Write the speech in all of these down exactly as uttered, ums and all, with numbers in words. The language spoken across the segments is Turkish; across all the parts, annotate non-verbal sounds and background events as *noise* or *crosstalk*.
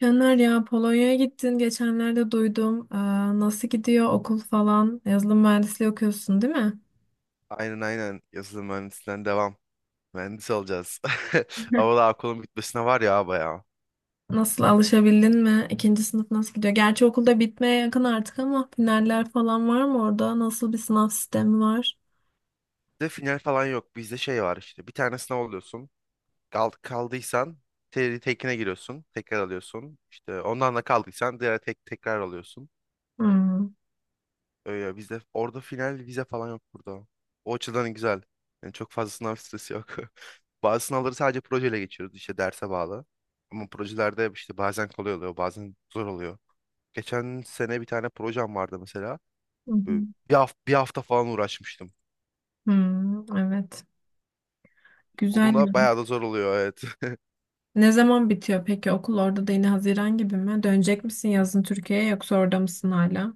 Caner ya Polonya'ya gittin geçenlerde duydum. Aa, nasıl gidiyor okul falan? Yazılım mühendisliği okuyorsun değil mi? Aynen aynen yazılım mühendisliğinden devam. Mühendis olacağız. *laughs* Ama *laughs* daha okulun bitmesine var ya bayağı. Nasıl alışabildin mi? İkinci sınıf nasıl gidiyor? Gerçi okulda bitmeye yakın artık ama finaller falan var mı orada? Nasıl bir sınav sistemi var? Bizde final falan yok. Bizde şey var işte. Bir tane sınav alıyorsun. Kal kaldıysan te- tekine giriyorsun. Tekrar alıyorsun. İşte ondan da kaldıysan diğer tek tekrar alıyorsun. Hmm. Öyle bizde orada final vize falan yok burada. O açıdan güzel. Yani çok fazla sınav stresi yok. *laughs* Bazı sınavları sadece projeyle geçiyoruz. İşte derse bağlı. Ama projelerde işte bazen kolay oluyor, bazen zor oluyor. Geçen sene bir tane projem vardı mesela. Hı hı. Böyle bir hafta, bir hafta falan uğraşmıştım. Hmm, evet. Güzel ya. Olduğunda bayağı da zor oluyor, evet. Ne zaman bitiyor peki okul orada da yine Haziran gibi mi? Dönecek misin yazın Türkiye'ye yoksa orada mısın hala?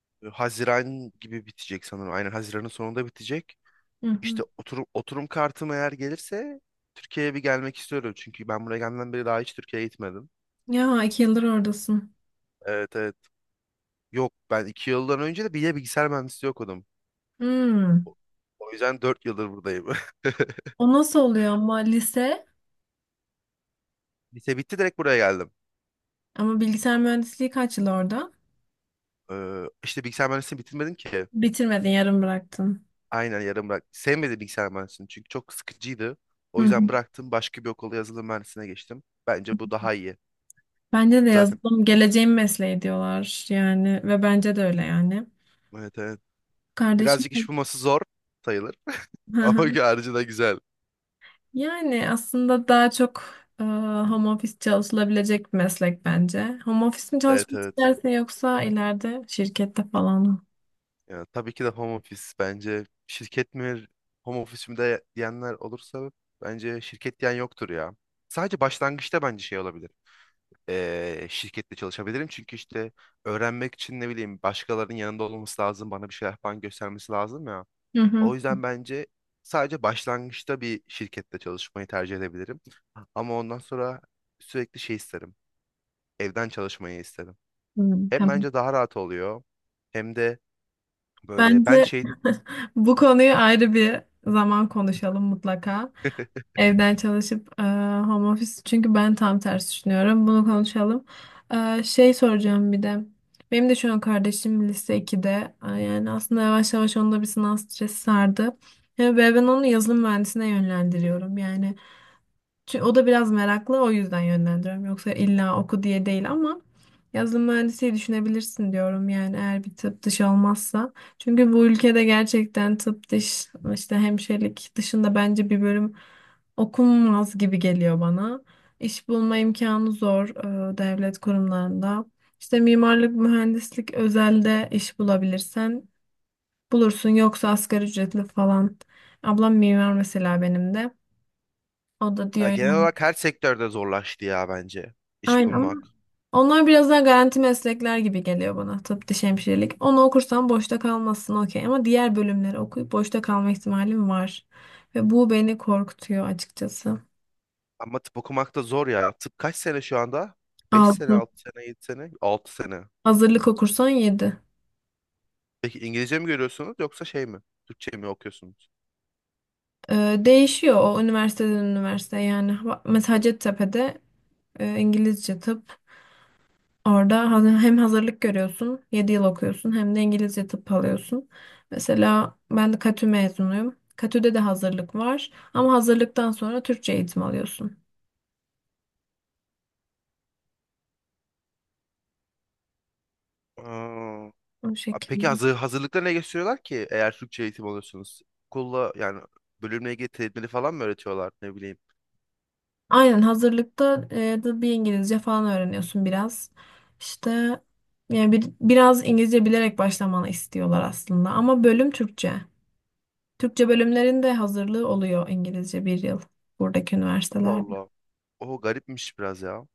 *laughs* Haziran gibi bitecek sanırım. Aynen Haziran'ın sonunda bitecek. Hı hı. İşte oturum, oturum kartım eğer gelirse Türkiye'ye bir gelmek istiyorum. Çünkü ben buraya gelmeden beri daha hiç Türkiye'ye gitmedim. Ya iki yıldır oradasın. Evet evet. Yok, ben iki yıldan önce de bir de bilgisayar mühendisliği okudum. Hmm. O o yüzden dört yıldır buradayım. *laughs* O nasıl oluyor ama lise? Lise bitti, direkt buraya geldim. Ama bilgisayar mühendisliği kaç yıl orada? Ee, işte bilgisayar mühendisliğini bitirmedim ki. Bitirmedin, yarım bıraktın. Aynen yarım bırak. Sevmedim bilgisayar mühendisliğini çünkü çok sıkıcıydı. Hı O yüzden hı. bıraktım. Başka bir okula, yazılım mühendisliğine geçtim. Bence bu daha iyi. Bence de Zaten yazılım geleceğin mesleği diyorlar yani ve bence de öyle yani. evet evet. Kardeşim. Birazcık iş bulması zor sayılır. Hı *laughs* Ama hı. harcı da güzel. Yani aslında daha çok e, home office çalışılabilecek bir meslek bence. Home office mi Evet çalışmak evet. istersin yoksa ileride şirkette falan mı? Ya, tabii ki de home office. Bence şirket mi home office mi de diyenler olursa bence şirket diyen yoktur ya. Sadece başlangıçta bence şey olabilir. Ee, şirkette çalışabilirim çünkü işte öğrenmek için, ne bileyim, başkalarının yanında olması lazım. Bana bir şeyler falan göstermesi lazım ya. Hı hı. O yüzden bence sadece başlangıçta bir şirkette çalışmayı tercih edebilirim. Ama ondan sonra sürekli şey isterim. Evden çalışmayı isterim. Hı, Hem tamam. bence daha rahat oluyor hem de böyle ben Bence şey. *laughs* bu konuyu ayrı bir zaman konuşalım mutlaka. *laughs* Evden çalışıp e, home office çünkü ben tam tersi düşünüyorum. Bunu konuşalım. E, şey soracağım bir de. Benim de şu an kardeşim lise ikide. E, yani aslında yavaş yavaş onda bir sınav stresi sardı. E, Ve ben onu yazılım mühendisine yönlendiriyorum. Yani Çü- O da biraz meraklı o yüzden yönlendiriyorum. Yoksa illa oku diye değil ama yazılım mühendisliği düşünebilirsin diyorum yani eğer bir tıp dışı olmazsa. Çünkü bu ülkede gerçekten tıp dış işte hemşirelik dışında bence bir bölüm okunmaz gibi geliyor bana. İş bulma imkanı zor e, devlet kurumlarında. İşte mimarlık, mühendislik özelde iş bulabilirsen bulursun yoksa asgari ücretli falan. Ablam mimar mesela benim de. O da Ya, diyor. genel olarak her sektörde zorlaştı ya bence iş Aynen, ama bulmak. onlar biraz daha garanti meslekler gibi geliyor bana. Tıp, diş hemşirelik. Onu okursan boşta kalmazsın okey. Ama diğer bölümleri okuyup boşta kalma ihtimalim var. Ve bu beni korkutuyor açıkçası. Ama tıp okumak da zor ya. Tıp kaç sene şu anda? Beş sene, Altı. altı sene, yedi sene, altı sene. Hazırlık okursan yedi Peki İngilizce mi görüyorsunuz yoksa şey mi? Türkçe mi okuyorsunuz? Değişiyor o üniversiteden üniversiteye yani. Bak, mesela Hacettepe'de e, İngilizce tıp. Orada hani hem hazırlık görüyorsun, yedi yıl okuyorsun hem de İngilizce tıp alıyorsun. Mesela ben de K T Ü mezunuyum. K T Ü'de de hazırlık var ama hazırlıktan sonra Türkçe eğitim alıyorsun. Aa, O peki şekilde. hazır, hazırlıkta ne gösteriyorlar ki eğer Türkçe eğitim alıyorsunuz? Okulla, yani bölümle ilgili terimleri falan mı öğretiyorlar, ne bileyim. Aynen hazırlıkta e, da bir İngilizce falan öğreniyorsun biraz. İşte yani bir, biraz İngilizce bilerek başlamanı istiyorlar aslında ama bölüm Türkçe. Türkçe bölümlerin de hazırlığı oluyor İngilizce bir yıl buradaki Allah üniversitelerde. Allah. O garipmiş biraz ya.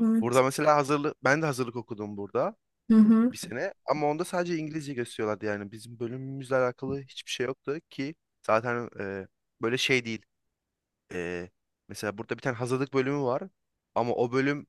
Evet. Burada mesela hazırlık, ben de hazırlık okudum burada Hı hı. bir sene, ama onda sadece İngilizce gösteriyorlardı. Yani bizim bölümümüzle alakalı hiçbir şey yoktu ki zaten e, böyle şey değil. E, Mesela burada bir tane hazırlık bölümü var ama o bölüm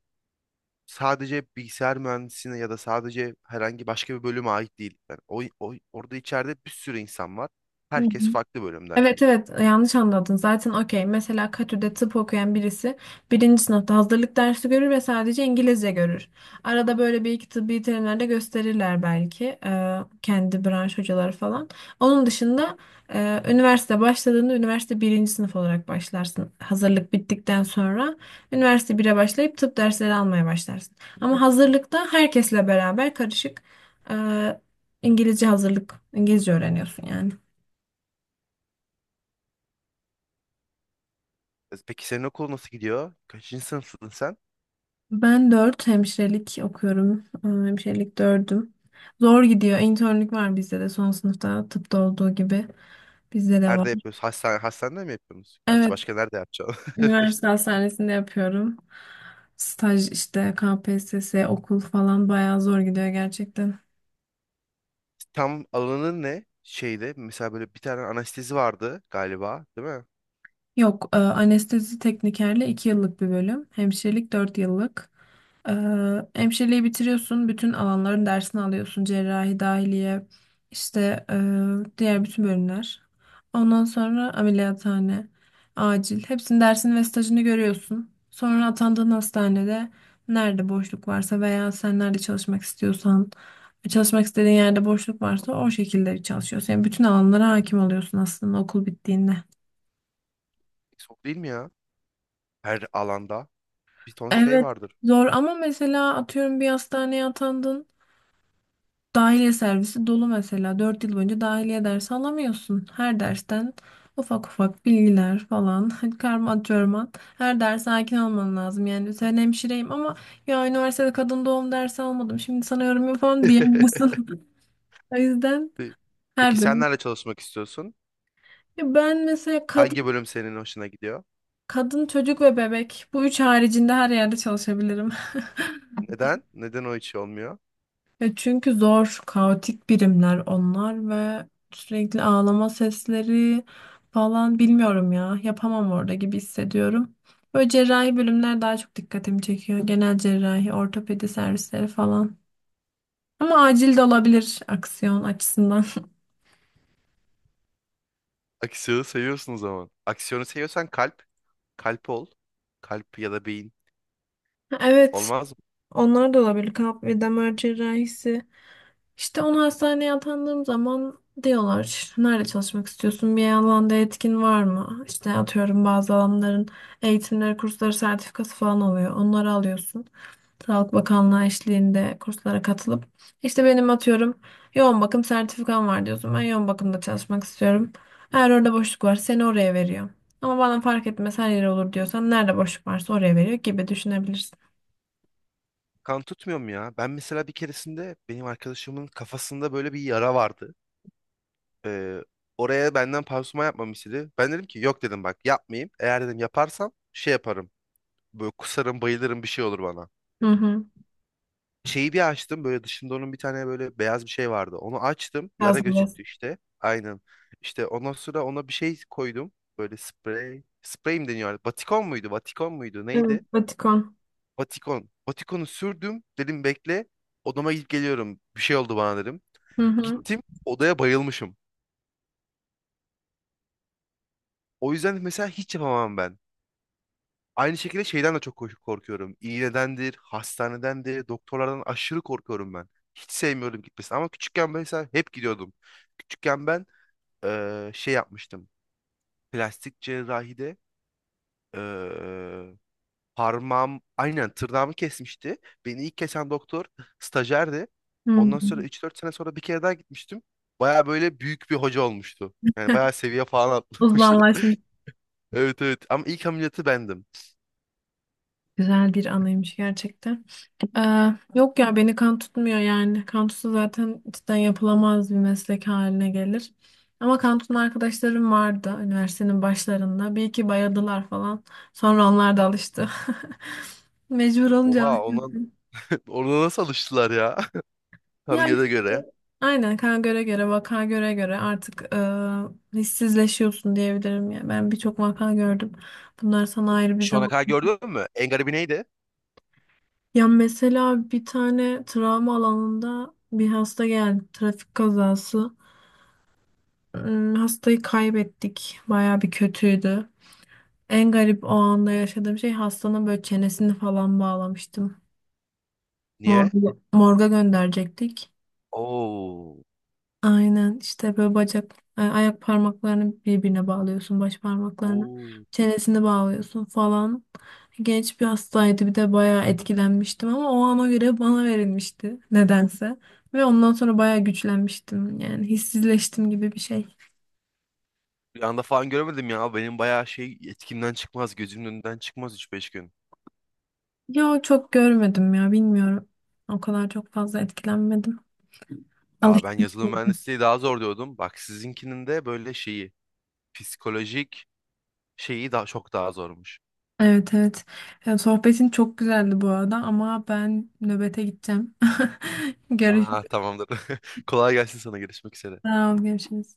sadece bilgisayar mühendisliğine ya da sadece herhangi başka bir bölüme ait değil. Yani o, o- orada içeride bir sürü insan var. Hı hı. Herkes farklı bölümden. Evet, evet, yanlış anladın zaten okey mesela Katü'de tıp okuyan birisi birinci sınıfta hazırlık dersi görür ve sadece İngilizce görür. Arada böyle bir iki tıbbi terimler de gösterirler belki e, kendi branş hocaları falan. Onun dışında e, üniversite başladığında üniversite birinci sınıf olarak başlarsın. Hazırlık bittikten sonra üniversite bire başlayıp tıp dersleri almaya başlarsın. Ama hazırlıkta herkesle beraber karışık e, İngilizce hazırlık İngilizce öğreniyorsun yani. E, Peki senin okul nasıl gidiyor? Kaçıncı sınıfsın sen? Ben dört hemşirelik okuyorum. Ee, Hemşirelik dördüm. Zor gidiyor. İnternlük var bizde de son sınıfta tıpta olduğu gibi. Bizde de var. Nerede yapıyorsun? Hastane, hastanede mi yapıyorsunuz? Gerçi Evet, başka nerede yapacağım? üniversite hastanesinde yapıyorum. Staj işte K P S S, okul falan bayağı zor gidiyor gerçekten. *laughs* Tam alanın ne? Şeyde mesela böyle bir tane anestezi vardı galiba, değil mi? Yok, e, anestezi teknikerle iki yıllık bir bölüm, hemşirelik dört yıllık. E, hemşireliği bitiriyorsun, bütün alanların dersini alıyorsun. Cerrahi, dahiliye, işte e, diğer bütün bölümler. Ondan sonra ameliyathane, acil. Hepsinin dersini ve stajını görüyorsun. Sonra atandığın hastanede nerede boşluk varsa veya sen nerede çalışmak istiyorsan, çalışmak istediğin yerde boşluk varsa o şekilde çalışıyorsun. Yani bütün alanlara hakim oluyorsun aslında okul bittiğinde. Çok değil mi ya? Her alanda bir ton şey Evet, vardır. zor ama mesela atıyorum bir hastaneye atandın. Dahiliye servisi dolu mesela. Dört yıl boyunca dahiliye dersi alamıyorsun. Her dersten ufak ufak bilgiler falan *laughs* karma çorman. Her derse hakim olman lazım. Yani sen hemşireyim ama ya üniversitede kadın doğum dersi almadım. Şimdi sana yorum yapamam *laughs* diyemiyorsun. *laughs* O yüzden Peki her sen bölüm. nerede çalışmak istiyorsun? Ya, ben mesela Hangi kadın, bölüm senin hoşuna gidiyor? kadın çocuk ve bebek bu üç haricinde her yerde çalışabilirim. Neden? Neden o hiç olmuyor? Ya çünkü zor, kaotik birimler onlar ve sürekli ağlama sesleri falan bilmiyorum ya. Yapamam orada gibi hissediyorum. Böyle cerrahi bölümler daha çok dikkatimi çekiyor. Genel cerrahi, ortopedi servisleri falan. Ama acil de olabilir aksiyon açısından. *laughs* Aksiyonu seviyorsun o zaman. Aksiyonu seviyorsan kalp. Kalp ol. Kalp ya da beyin. Evet, Olmaz mı? onlar da olabilir. Kalp ve damar cerrahisi. İşte onu hastaneye atandığım zaman diyorlar nerede çalışmak istiyorsun bir alanda etkin var mı? İşte atıyorum bazı alanların eğitimleri, kursları, sertifikası falan oluyor. Onları alıyorsun. Sağlık Bakanlığı eşliğinde kurslara katılıp işte benim atıyorum yoğun bakım sertifikam var diyorsun. Ben yoğun bakımda çalışmak istiyorum. Eğer orada boşluk var seni oraya veriyor. Ama bana fark etmez her yere olur diyorsan nerede boşluk varsa oraya veriyor gibi düşünebilirsin. Kan tutmuyor mu ya? Ben mesela bir keresinde benim arkadaşımın kafasında böyle bir yara vardı. Ee, Oraya benden pansuman yapmamı istedi. Ben dedim ki yok, dedim, bak yapmayayım. Eğer, dedim, yaparsam şey yaparım. Böyle kusarım, bayılırım, bir şey olur bana. Hı hı. Şeyi bir açtım, böyle dışında onun bir tane böyle beyaz bir şey vardı. Onu açtım. Biraz. Yara gözüktü işte. Aynen. İşte ondan sonra ona bir şey koydum. Böyle sprey. Sprey mi deniyor artık? Batikon muydu? Batikon muydu? Evet, Neydi? Vatikan. Batikon. Batikonu sürdüm. Dedim bekle. Odama gidip geliyorum. Bir şey oldu bana, dedim. Hı hı. Gittim. Odaya bayılmışım. O yüzden mesela hiç yapamam ben. Aynı şekilde şeyden de çok ko- korkuyorum. İğnedendir, hastanedendir, doktorlardan aşırı korkuyorum ben. Hiç sevmiyorum gitmesini ama küçükken mesela hep gidiyordum. Küçükken ben eee, şey yapmıştım. Plastik cerrahide eee parmağım, aynen tırnağımı kesmişti. Beni ilk kesen doktor stajyerdi. Hı Ondan sonra hı. üç dört sene sonra bir kere daha gitmiştim. Baya böyle büyük bir hoca olmuştu. Yani bayağı seviye falan atlamıştı. Uzmanlaşmış. *laughs* Evet evet, ama ilk ameliyatı bendim. Güzel bir anıymış gerçekten. Ee, yok ya beni kan tutmuyor yani. Kan tutsa zaten cidden yapılamaz bir meslek haline gelir. Ama kan tutan arkadaşlarım vardı üniversitenin başlarında. Bir iki bayadılar falan. Sonra onlar da alıştı. *laughs* Mecbur olunca Oha, alıştı. ondan. *laughs* Ona nasıl alıştılar ya? Tanrı, Ya göre işte, göre. aynen kan göre göre vaka göre göre artık e, hissizleşiyorsun diyebilirim ya. Ben birçok vaka gördüm. Bunlar sana ayrı bir Şu ana zaman. kadar gördün mü? En garibi neydi? Ya mesela bir tane travma alanında bir hasta geldi. Trafik kazası. Hmm, Hastayı kaybettik. Baya bir kötüydü. En garip o anda yaşadığım şey hastanın böyle çenesini falan bağlamıştım. Niye? Morga, morga gönderecektik. Oo. Aynen işte böyle bacak, e, ayak parmaklarını birbirine bağlıyorsun, baş parmaklarını, Oo. çenesini bağlıyorsun falan. Genç bir hastaydı bir de bayağı etkilenmiştim ama o ana göre bana verilmişti nedense. Ve ondan sonra bayağı güçlenmiştim yani hissizleştim gibi bir şey. Bir anda falan göremedim ya. Benim bayağı şey, etkimden çıkmaz. Gözümün önünden çıkmaz üç beş gün. Yo çok görmedim ya bilmiyorum. O kadar çok fazla etkilenmedim. *laughs* Aa, ben Alıştım yazılım çünkü. mühendisliği daha zor diyordum. Bak, sizinkinin de böyle şeyi. Psikolojik şeyi daha çok daha zormuş. Evet, evet. Ya, sohbetin çok güzeldi bu arada ama ben nöbete gideceğim. *laughs* Görüşürüz. Aa, tamamdır. *laughs* Kolay gelsin sana. Görüşmek üzere. Sağ ol, görüşürüz.